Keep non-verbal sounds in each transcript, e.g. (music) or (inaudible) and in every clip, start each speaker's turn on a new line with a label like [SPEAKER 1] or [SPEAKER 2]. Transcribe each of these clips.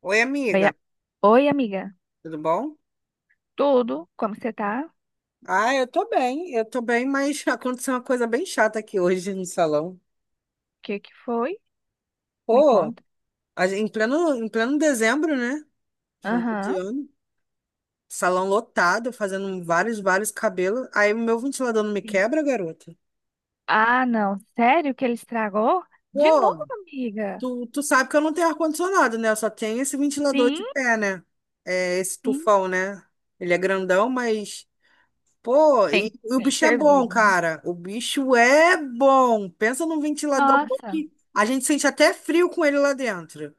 [SPEAKER 1] Oi,
[SPEAKER 2] Oi,
[SPEAKER 1] amiga,
[SPEAKER 2] oi, amiga.
[SPEAKER 1] tudo bom?
[SPEAKER 2] Tudo? Como você tá? O
[SPEAKER 1] Ah, eu tô bem, mas (laughs) aconteceu uma coisa bem chata aqui hoje no salão.
[SPEAKER 2] que que foi? Me
[SPEAKER 1] Pô,
[SPEAKER 2] conta.
[SPEAKER 1] em pleno dezembro, né? Final de
[SPEAKER 2] Aham.
[SPEAKER 1] ano, salão lotado, fazendo vários, vários cabelos. Aí o meu ventilador não me
[SPEAKER 2] Sim.
[SPEAKER 1] quebra, garota.
[SPEAKER 2] Ah, não. Sério que ele estragou? De novo,
[SPEAKER 1] Pô,
[SPEAKER 2] amiga?
[SPEAKER 1] tu sabe que eu não tenho ar-condicionado, né? Eu só tenho esse ventilador
[SPEAKER 2] Sim,
[SPEAKER 1] de pé, né? É, esse
[SPEAKER 2] sim.
[SPEAKER 1] tufão, né? Ele é grandão, mas. Pô, e
[SPEAKER 2] Tem,
[SPEAKER 1] o
[SPEAKER 2] tem
[SPEAKER 1] bicho é bom,
[SPEAKER 2] servido, né?
[SPEAKER 1] cara. O bicho é bom. Pensa num ventilador bom
[SPEAKER 2] Nossa.
[SPEAKER 1] que a gente sente até frio com ele lá dentro.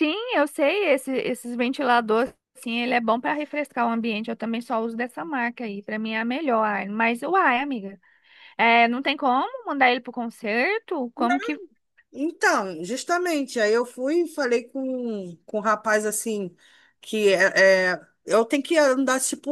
[SPEAKER 2] Sim, eu sei. Esses ventiladores, sim, ele é bom para refrescar o ambiente. Eu também só uso dessa marca aí. Para mim é a melhor. Mas, uai, amiga. É, não tem como mandar ele pro concerto? Como que.
[SPEAKER 1] Então, justamente, aí eu fui e falei com um rapaz assim, que eu tenho que andar tipo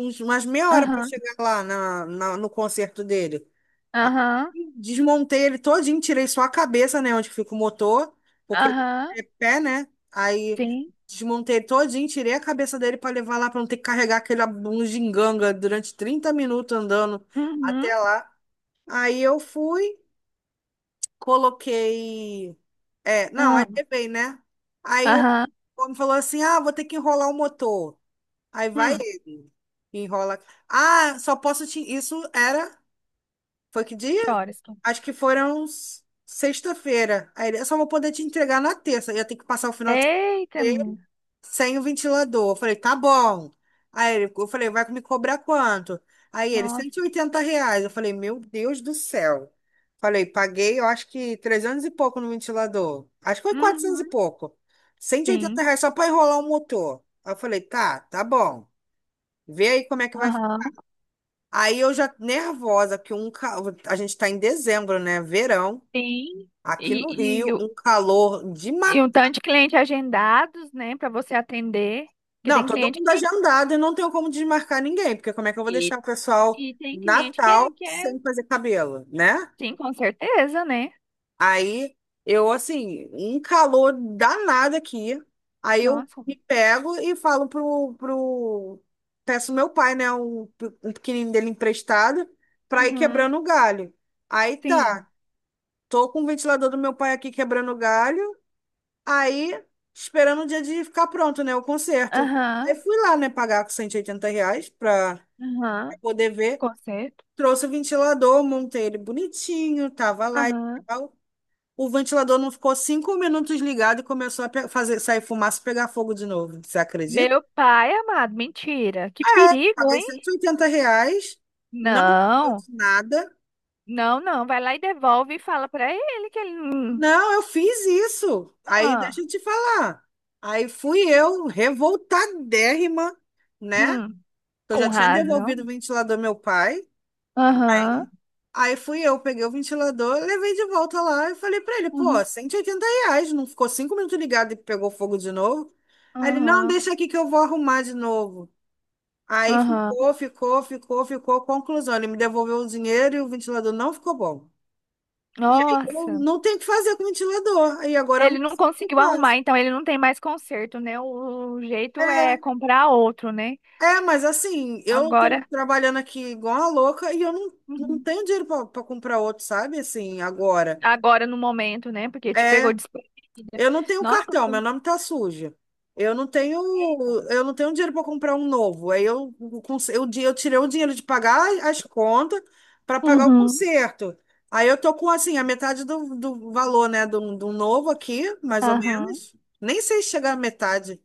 [SPEAKER 1] umas meia hora para
[SPEAKER 2] Aham,
[SPEAKER 1] chegar lá no concerto dele.
[SPEAKER 2] aham,
[SPEAKER 1] Desmontei ele todinho, tirei só a cabeça, né, onde fica o motor, porque
[SPEAKER 2] aham.
[SPEAKER 1] é pé, né? Aí
[SPEAKER 2] Sim.
[SPEAKER 1] desmontei ele todinho, tirei a cabeça dele para levar lá para não ter que carregar aquele bugiganga durante 30 minutos andando
[SPEAKER 2] Uhum.
[SPEAKER 1] até lá. Aí eu fui, coloquei, é, não, aí levei, né? Aí o
[SPEAKER 2] Aham.
[SPEAKER 1] homem falou assim: "Ah, vou ter que enrolar o motor". Aí vai
[SPEAKER 2] Hum,
[SPEAKER 1] ele, enrola. Ah, só posso te isso era foi que dia?
[SPEAKER 2] que horas?
[SPEAKER 1] Acho que foram sexta-feira. Aí ele, eu só vou poder te entregar na terça. Eu ia ter que passar o final de semana
[SPEAKER 2] É? Eita,
[SPEAKER 1] inteiro
[SPEAKER 2] menina.
[SPEAKER 1] sem o ventilador. Eu falei, tá bom. Aí ele, eu falei, vai me cobrar quanto? Aí ele, cento e
[SPEAKER 2] Nossa.
[SPEAKER 1] oitenta reais. Eu falei, meu Deus do céu. Falei, paguei, eu acho que 300 e pouco no ventilador. Acho que foi 400 e
[SPEAKER 2] Uhum,
[SPEAKER 1] pouco. Cento e oitenta
[SPEAKER 2] sim.
[SPEAKER 1] reais só para enrolar o motor. Aí eu falei, tá, tá bom. Vê aí como é que vai ficar.
[SPEAKER 2] Aham.
[SPEAKER 1] Aí eu já nervosa, que um, a gente tá em dezembro, né? Verão.
[SPEAKER 2] Sim.
[SPEAKER 1] Aqui no
[SPEAKER 2] E, e,
[SPEAKER 1] Rio,
[SPEAKER 2] o-
[SPEAKER 1] um calor de
[SPEAKER 2] e
[SPEAKER 1] matar.
[SPEAKER 2] um tanto de cliente agendados, né, para você atender. Porque
[SPEAKER 1] Não,
[SPEAKER 2] tem
[SPEAKER 1] todo
[SPEAKER 2] cliente
[SPEAKER 1] mundo é
[SPEAKER 2] que.
[SPEAKER 1] agendado e não tenho como desmarcar ninguém, porque como é que eu vou
[SPEAKER 2] E,
[SPEAKER 1] deixar o pessoal
[SPEAKER 2] e tem cliente que
[SPEAKER 1] Natal
[SPEAKER 2] é, que é.
[SPEAKER 1] sem fazer cabelo, né?
[SPEAKER 2] Sim, com certeza, né?
[SPEAKER 1] Aí eu, assim, um calor danado aqui. Aí eu
[SPEAKER 2] Nossa.
[SPEAKER 1] me pego e falo pro. Peço meu pai, né, um pequenininho dele emprestado, pra ir
[SPEAKER 2] Uhum,
[SPEAKER 1] quebrando o galho. Aí
[SPEAKER 2] sim.
[SPEAKER 1] tá, tô com o ventilador do meu pai aqui quebrando o galho. Aí, esperando o dia de ficar pronto, né? O concerto. Aí
[SPEAKER 2] Aham.
[SPEAKER 1] fui lá, né? Pagar com R$ 180 pra
[SPEAKER 2] Aham.
[SPEAKER 1] poder ver.
[SPEAKER 2] Concerto.
[SPEAKER 1] Trouxe o ventilador, montei ele bonitinho, tava lá e
[SPEAKER 2] Aham.
[SPEAKER 1] tal. O ventilador não ficou 5 minutos ligado e começou a fazer, sair fumaça e pegar fogo de novo. Você acredita?
[SPEAKER 2] Meu pai amado, mentira. Que perigo,
[SPEAKER 1] Paguei
[SPEAKER 2] hein?
[SPEAKER 1] R$ 180, não deu
[SPEAKER 2] Não.
[SPEAKER 1] de nada.
[SPEAKER 2] Não, não, vai lá e devolve e fala pra ele que ele.
[SPEAKER 1] Não, eu fiz isso. Aí, deixa
[SPEAKER 2] Ah,
[SPEAKER 1] eu te falar. Aí fui eu, revoltadérrima, né?
[SPEAKER 2] hum,
[SPEAKER 1] Eu já
[SPEAKER 2] com
[SPEAKER 1] tinha devolvido o
[SPEAKER 2] razão.
[SPEAKER 1] ventilador ao meu pai.
[SPEAKER 2] Aham,
[SPEAKER 1] Aí fui eu, peguei o ventilador, levei de volta lá e falei pra ele, pô,
[SPEAKER 2] uhum,
[SPEAKER 1] R$ 180, não ficou 5 minutos ligado e pegou fogo de novo? Aí ele, não,
[SPEAKER 2] aham,
[SPEAKER 1] deixa aqui que eu vou arrumar de novo. Aí
[SPEAKER 2] aham.
[SPEAKER 1] ficou, ficou, ficou, ficou. Conclusão, ele me devolveu o dinheiro e o ventilador não ficou bom. E aí eu
[SPEAKER 2] Nossa.
[SPEAKER 1] não tenho o que fazer com o ventilador. Aí agora eu não
[SPEAKER 2] Ele não
[SPEAKER 1] sei o que eu
[SPEAKER 2] conseguiu
[SPEAKER 1] faço.
[SPEAKER 2] arrumar, então ele não tem mais conserto, né? O jeito é
[SPEAKER 1] É,
[SPEAKER 2] comprar outro, né?
[SPEAKER 1] é, mas assim, eu tô
[SPEAKER 2] Agora,
[SPEAKER 1] trabalhando aqui igual uma louca e eu não, não
[SPEAKER 2] uhum,
[SPEAKER 1] tenho dinheiro pra comprar outro, sabe? Assim, agora.
[SPEAKER 2] agora no momento, né? Porque te pegou
[SPEAKER 1] É,
[SPEAKER 2] desprevenida.
[SPEAKER 1] eu não tenho
[SPEAKER 2] Nossa,
[SPEAKER 1] cartão, meu nome tá sujo. Eu não tenho, eu não tenho dinheiro para comprar um novo. Aí eu, eu tirei o dinheiro de pagar as contas para pagar o
[SPEAKER 2] uhum,
[SPEAKER 1] conserto. Aí eu tô com assim a metade do valor, né, do novo aqui, mais ou
[SPEAKER 2] aham,
[SPEAKER 1] menos. Nem sei se chegar à metade,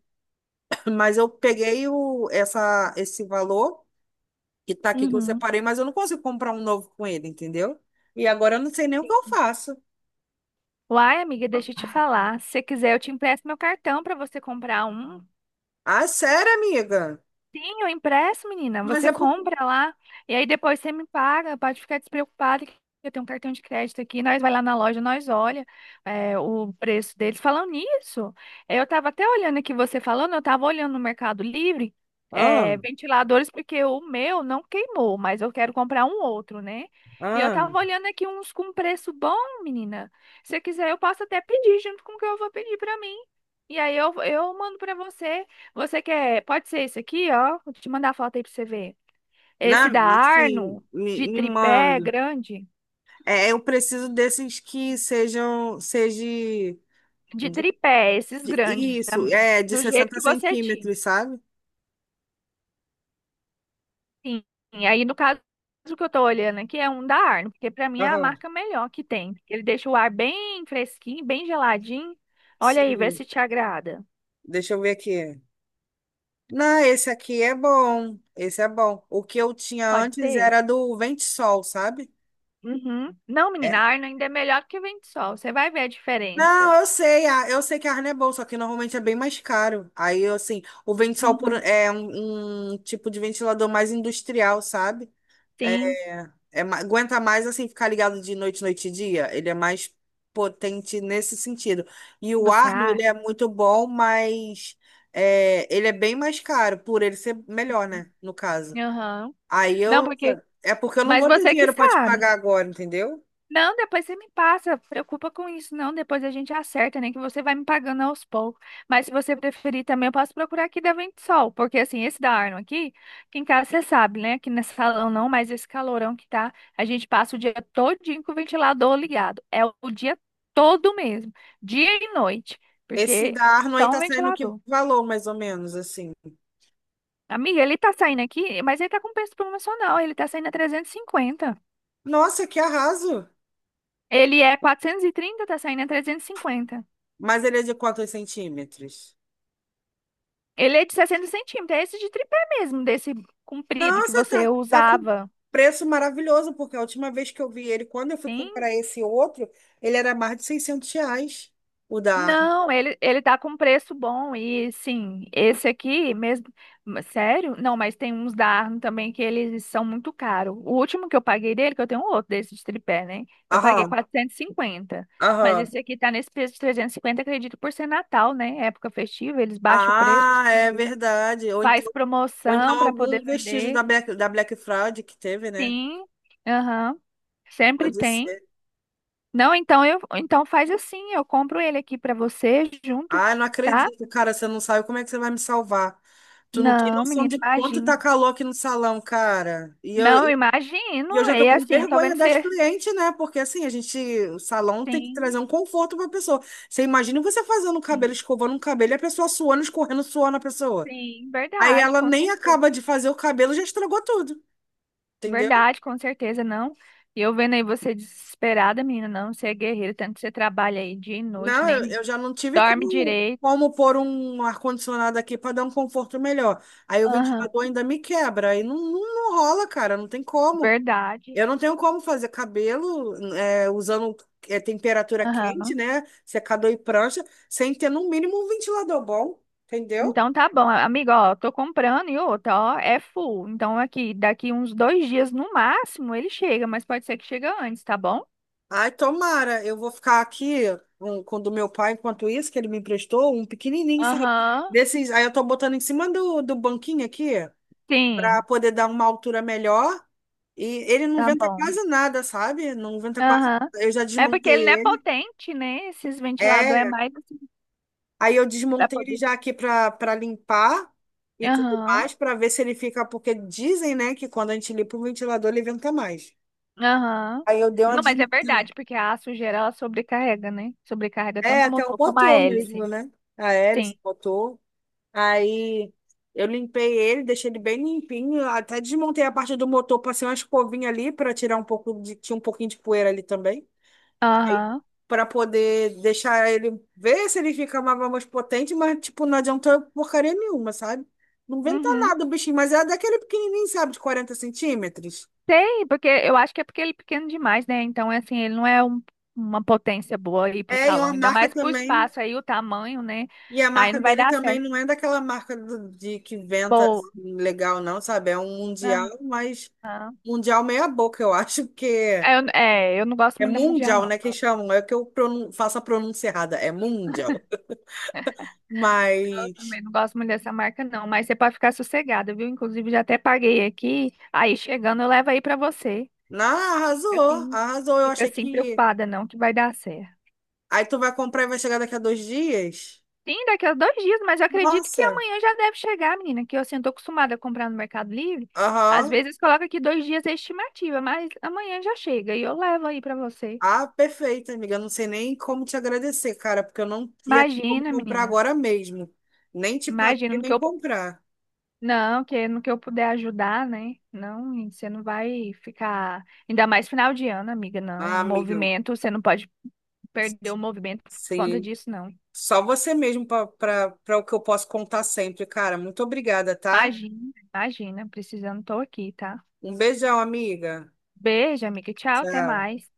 [SPEAKER 1] (clears throat) (coughs) mas eu peguei o, essa, esse valor que tá aqui que eu
[SPEAKER 2] uhum.
[SPEAKER 1] separei, mas eu não consigo comprar um novo com ele, entendeu? E agora eu não sei nem o que eu faço.
[SPEAKER 2] Uai, amiga, deixa eu te falar. Se você quiser, eu te empresto meu cartão para você comprar um.
[SPEAKER 1] Ah, sério, amiga?
[SPEAKER 2] Sim, o impresso, menina.
[SPEAKER 1] Mas
[SPEAKER 2] Você
[SPEAKER 1] é por...
[SPEAKER 2] compra lá e aí depois você me paga. Pode ficar despreocupada que eu tenho um cartão de crédito aqui. Nós vai lá na loja, nós olha o preço deles. Falando nisso, eu tava até olhando aqui você falando, eu tava olhando no Mercado Livre,
[SPEAKER 1] Ah.
[SPEAKER 2] ventiladores porque o meu não queimou, mas eu quero comprar um outro, né? E eu
[SPEAKER 1] Ah,
[SPEAKER 2] tava olhando aqui uns com preço bom, menina. Se você quiser, eu posso até pedir junto com o que eu vou pedir pra mim. E aí eu mando pra você. Você quer? Pode ser esse aqui, ó. Vou te mandar a foto aí pra você ver.
[SPEAKER 1] na,
[SPEAKER 2] Esse da
[SPEAKER 1] sim,
[SPEAKER 2] Arno,
[SPEAKER 1] me,
[SPEAKER 2] de
[SPEAKER 1] me
[SPEAKER 2] tripé
[SPEAKER 1] manda.
[SPEAKER 2] grande.
[SPEAKER 1] É, eu preciso desses que sejam, seja
[SPEAKER 2] De tripé, esses grandes,
[SPEAKER 1] isso, é de
[SPEAKER 2] do jeito
[SPEAKER 1] 60
[SPEAKER 2] que você tinha.
[SPEAKER 1] centímetros, sabe?
[SPEAKER 2] Sim. E aí, no caso, o que eu tô olhando aqui é um da Arno, porque pra mim é a
[SPEAKER 1] Aham.
[SPEAKER 2] marca melhor que tem. Ele deixa o ar bem fresquinho, bem geladinho. Olha aí, vê
[SPEAKER 1] Sim.
[SPEAKER 2] se te agrada.
[SPEAKER 1] Deixa eu ver aqui. Não, esse aqui é bom. Esse é bom. O que eu tinha
[SPEAKER 2] Pode
[SPEAKER 1] antes
[SPEAKER 2] ser?
[SPEAKER 1] era do Vento Sol, sabe?
[SPEAKER 2] Uhum. Não, menina, a
[SPEAKER 1] É.
[SPEAKER 2] Arno ainda é melhor que o vento sol. Você vai ver a
[SPEAKER 1] Não,
[SPEAKER 2] diferença.
[SPEAKER 1] eu sei, eu sei que a Arne é boa, só que normalmente é bem mais caro. Aí, assim, o Vento Sol por,
[SPEAKER 2] Uhum.
[SPEAKER 1] é um, um tipo de ventilador mais industrial, sabe? É,
[SPEAKER 2] Sim,
[SPEAKER 1] é aguenta mais assim ficar ligado de noite, noite e dia. Ele é mais potente nesse sentido. E o
[SPEAKER 2] você
[SPEAKER 1] Arno, ele
[SPEAKER 2] acha?
[SPEAKER 1] é muito bom, mas é, ele é bem mais caro, por ele ser melhor, né? No caso.
[SPEAKER 2] Aham.
[SPEAKER 1] Aí
[SPEAKER 2] Não,
[SPEAKER 1] eu.
[SPEAKER 2] porque
[SPEAKER 1] É porque eu não
[SPEAKER 2] mas
[SPEAKER 1] vou ter
[SPEAKER 2] você que
[SPEAKER 1] dinheiro para te
[SPEAKER 2] sabe.
[SPEAKER 1] pagar agora, entendeu?
[SPEAKER 2] Não, depois você me passa, preocupa com isso, não. Depois a gente acerta, nem que você vai me pagando aos poucos. Mas se você preferir também, eu posso procurar aqui da Vento Sol, porque assim, esse da Arno aqui, que em casa você sabe, né? Que nesse salão não, mas esse calorão que tá, a gente passa o dia todinho com o ventilador ligado. É o dia todo mesmo, dia e noite,
[SPEAKER 1] Esse
[SPEAKER 2] porque
[SPEAKER 1] da Arno aí
[SPEAKER 2] só um
[SPEAKER 1] tá saindo que
[SPEAKER 2] ventilador.
[SPEAKER 1] valor, mais ou menos, assim.
[SPEAKER 2] Amiga, ele tá saindo aqui, mas ele tá com preço promocional, ele tá saindo a 350.
[SPEAKER 1] Nossa, que arraso!
[SPEAKER 2] Ele é 430, tá saindo a 350.
[SPEAKER 1] Mas ele é de quantos centímetros?
[SPEAKER 2] Ele é de 60 centímetros, é esse de tripé mesmo, desse comprido que
[SPEAKER 1] Nossa,
[SPEAKER 2] você
[SPEAKER 1] tá, tá com
[SPEAKER 2] usava.
[SPEAKER 1] preço maravilhoso, porque a última vez que eu vi ele, quando eu fui
[SPEAKER 2] Sim.
[SPEAKER 1] comprar esse outro, ele era mais de R$ 600, o da Arma.
[SPEAKER 2] Não, ele tá com preço bom e sim, esse aqui mesmo. Mas, sério? Não, mas tem uns da Arno também que eles são muito caros. O último que eu paguei dele, que eu tenho um outro desse de tripé, né? Eu paguei
[SPEAKER 1] Aham,
[SPEAKER 2] 450. Mas
[SPEAKER 1] aham.
[SPEAKER 2] esse aqui tá nesse preço de 350, acredito, por ser Natal, né? Época festiva, eles baixam o preço,
[SPEAKER 1] Ah,
[SPEAKER 2] tem
[SPEAKER 1] é
[SPEAKER 2] tudo.
[SPEAKER 1] verdade.
[SPEAKER 2] Faz
[SPEAKER 1] Ou então
[SPEAKER 2] promoção para poder
[SPEAKER 1] algum vestígio
[SPEAKER 2] vender.
[SPEAKER 1] Da Black Fraud que teve, né?
[SPEAKER 2] Sim, aham, sempre
[SPEAKER 1] Pode
[SPEAKER 2] tem.
[SPEAKER 1] ser.
[SPEAKER 2] Não, então faz assim, eu compro ele aqui pra você junto,
[SPEAKER 1] Ah, não
[SPEAKER 2] tá?
[SPEAKER 1] acredito, cara, você não sabe como é que você vai me salvar. Tu não tem
[SPEAKER 2] Não,
[SPEAKER 1] noção
[SPEAKER 2] menina,
[SPEAKER 1] de quanto tá
[SPEAKER 2] imagina.
[SPEAKER 1] calor aqui no salão, cara. E eu,
[SPEAKER 2] Não, eu
[SPEAKER 1] e
[SPEAKER 2] imagino.
[SPEAKER 1] eu já tô
[SPEAKER 2] É
[SPEAKER 1] com
[SPEAKER 2] assim, tô
[SPEAKER 1] vergonha
[SPEAKER 2] vendo
[SPEAKER 1] das
[SPEAKER 2] você.
[SPEAKER 1] clientes, né? Porque assim, a gente, o salão tem que
[SPEAKER 2] Sim,
[SPEAKER 1] trazer um conforto pra pessoa. Você imagina você fazendo o cabelo,
[SPEAKER 2] sim,
[SPEAKER 1] escovando um cabelo, e a pessoa suando, escorrendo suor na pessoa.
[SPEAKER 2] sim,
[SPEAKER 1] Aí
[SPEAKER 2] verdade,
[SPEAKER 1] ela
[SPEAKER 2] com
[SPEAKER 1] nem
[SPEAKER 2] certeza.
[SPEAKER 1] acaba de fazer o cabelo, já estragou tudo, entendeu?
[SPEAKER 2] Verdade, com certeza, não. E eu vendo aí você desesperada, menina, não, você é guerreira, tanto que você trabalha aí dia e noite,
[SPEAKER 1] Não, eu,
[SPEAKER 2] nem
[SPEAKER 1] eu já não tive
[SPEAKER 2] dorme
[SPEAKER 1] como,
[SPEAKER 2] direito.
[SPEAKER 1] como pôr um ar-condicionado aqui pra dar um conforto melhor. Aí o
[SPEAKER 2] Aham,
[SPEAKER 1] ventilador ainda me quebra, aí não, não, não rola, cara, não tem como.
[SPEAKER 2] verdade.
[SPEAKER 1] Eu não tenho como fazer cabelo é, usando é, temperatura quente,
[SPEAKER 2] Aham.
[SPEAKER 1] né? Secador e prancha, sem ter no mínimo um ventilador bom, entendeu?
[SPEAKER 2] Então tá bom, amigo, ó, tô comprando e outra, ó, é full. Então aqui, daqui uns 2 dias no máximo ele chega, mas pode ser que chega antes, tá bom?
[SPEAKER 1] Ai, tomara. Eu vou ficar aqui um, com o do meu pai enquanto isso, que ele me emprestou, um pequenininho, sabe?
[SPEAKER 2] Aham,
[SPEAKER 1] Desses, aí eu tô botando em cima do banquinho aqui, pra
[SPEAKER 2] sim,
[SPEAKER 1] poder dar uma altura melhor. E ele não
[SPEAKER 2] tá
[SPEAKER 1] venta
[SPEAKER 2] bom.
[SPEAKER 1] quase nada, sabe? Não venta quase.
[SPEAKER 2] Aham.
[SPEAKER 1] Eu já
[SPEAKER 2] É porque
[SPEAKER 1] desmontei
[SPEAKER 2] ele não é
[SPEAKER 1] ele.
[SPEAKER 2] potente, né? Esses ventiladores é
[SPEAKER 1] É,
[SPEAKER 2] mais assim,
[SPEAKER 1] aí eu
[SPEAKER 2] pra
[SPEAKER 1] desmontei ele
[SPEAKER 2] poder.
[SPEAKER 1] já aqui para limpar e tudo
[SPEAKER 2] Aham,
[SPEAKER 1] mais, para ver se ele fica, porque dizem, né, que quando a gente limpa o ventilador, ele venta mais.
[SPEAKER 2] aham.
[SPEAKER 1] Aí eu dei uma
[SPEAKER 2] Não, mas é
[SPEAKER 1] desmontada.
[SPEAKER 2] verdade, porque a sujeira ela sobrecarrega, né? Sobrecarrega
[SPEAKER 1] É,
[SPEAKER 2] tanto o
[SPEAKER 1] até o
[SPEAKER 2] motor como a
[SPEAKER 1] motor mesmo,
[SPEAKER 2] hélice.
[SPEAKER 1] né? A hélice,
[SPEAKER 2] Sim.
[SPEAKER 1] o motor. Aí eu limpei ele, deixei ele bem limpinho, até desmontei a parte do motor, passei uma escovinha ali para tirar um pouco de, tinha um pouquinho de poeira ali também,
[SPEAKER 2] Aham.
[SPEAKER 1] para poder deixar ele ver se ele fica mais potente, mas, tipo, não adiantou porcaria nenhuma, sabe? Não inventa
[SPEAKER 2] Uhum.
[SPEAKER 1] nada o bichinho, mas é daquele pequenininho, sabe, de 40 centímetros.
[SPEAKER 2] Tem, porque eu acho que é porque ele é pequeno demais, né? Então, é assim, ele não é uma potência boa aí pro
[SPEAKER 1] É, e
[SPEAKER 2] salão,
[SPEAKER 1] uma
[SPEAKER 2] ainda
[SPEAKER 1] marca
[SPEAKER 2] mais pro
[SPEAKER 1] também.
[SPEAKER 2] espaço aí, o tamanho, né?
[SPEAKER 1] E a
[SPEAKER 2] Aí
[SPEAKER 1] marca
[SPEAKER 2] não vai
[SPEAKER 1] dele
[SPEAKER 2] dar
[SPEAKER 1] também
[SPEAKER 2] certo.
[SPEAKER 1] não é daquela marca de que inventa
[SPEAKER 2] Boa.
[SPEAKER 1] assim, legal, não, sabe? É um mundial, mas
[SPEAKER 2] Aham.
[SPEAKER 1] mundial meia boca, eu acho que
[SPEAKER 2] Eu não gosto
[SPEAKER 1] é
[SPEAKER 2] muito da Mundial,
[SPEAKER 1] mundial,
[SPEAKER 2] não.
[SPEAKER 1] né? Que chamam, é que eu faço a pronúncia errada, é mundial.
[SPEAKER 2] Eu
[SPEAKER 1] Mas,
[SPEAKER 2] também não gosto muito dessa marca, não. Mas você pode ficar sossegada, viu? Inclusive, já até paguei aqui. Aí, chegando, eu levo aí pra você.
[SPEAKER 1] não,
[SPEAKER 2] Fica
[SPEAKER 1] arrasou,
[SPEAKER 2] assim,
[SPEAKER 1] arrasou. Eu
[SPEAKER 2] fica
[SPEAKER 1] achei
[SPEAKER 2] assim
[SPEAKER 1] que
[SPEAKER 2] preocupada, não, que vai dar certo.
[SPEAKER 1] aí tu vai comprar e vai chegar daqui a dois dias?
[SPEAKER 2] Sim, daqui a 2 dias, mas eu acredito que
[SPEAKER 1] Nossa.
[SPEAKER 2] amanhã já deve chegar, menina, que eu assim, eu tô acostumada a comprar no Mercado Livre. Às
[SPEAKER 1] Aham.
[SPEAKER 2] vezes coloca aqui 2 dias a estimativa, mas amanhã já chega e eu levo aí pra você.
[SPEAKER 1] Ah, perfeito, amiga. Eu não sei nem como te agradecer, cara, porque eu não ia ter como
[SPEAKER 2] Imagina,
[SPEAKER 1] comprar
[SPEAKER 2] menina.
[SPEAKER 1] agora mesmo. Nem te pagar
[SPEAKER 2] Imagina
[SPEAKER 1] e
[SPEAKER 2] no que
[SPEAKER 1] nem
[SPEAKER 2] eu.
[SPEAKER 1] comprar.
[SPEAKER 2] Não, que no que eu puder ajudar, né? Não, e você não vai ficar. Ainda mais final de ano, amiga, não.
[SPEAKER 1] Ah, amiga,
[SPEAKER 2] Movimento, você não pode perder o movimento por conta
[SPEAKER 1] sim.
[SPEAKER 2] disso, não.
[SPEAKER 1] Só você mesmo para o que eu posso contar sempre, cara. Muito obrigada, tá?
[SPEAKER 2] Imagina, imagina. Precisando, tô aqui, tá?
[SPEAKER 1] Um beijão, amiga.
[SPEAKER 2] Beijo, amiga. Tchau, até
[SPEAKER 1] Tchau.
[SPEAKER 2] mais.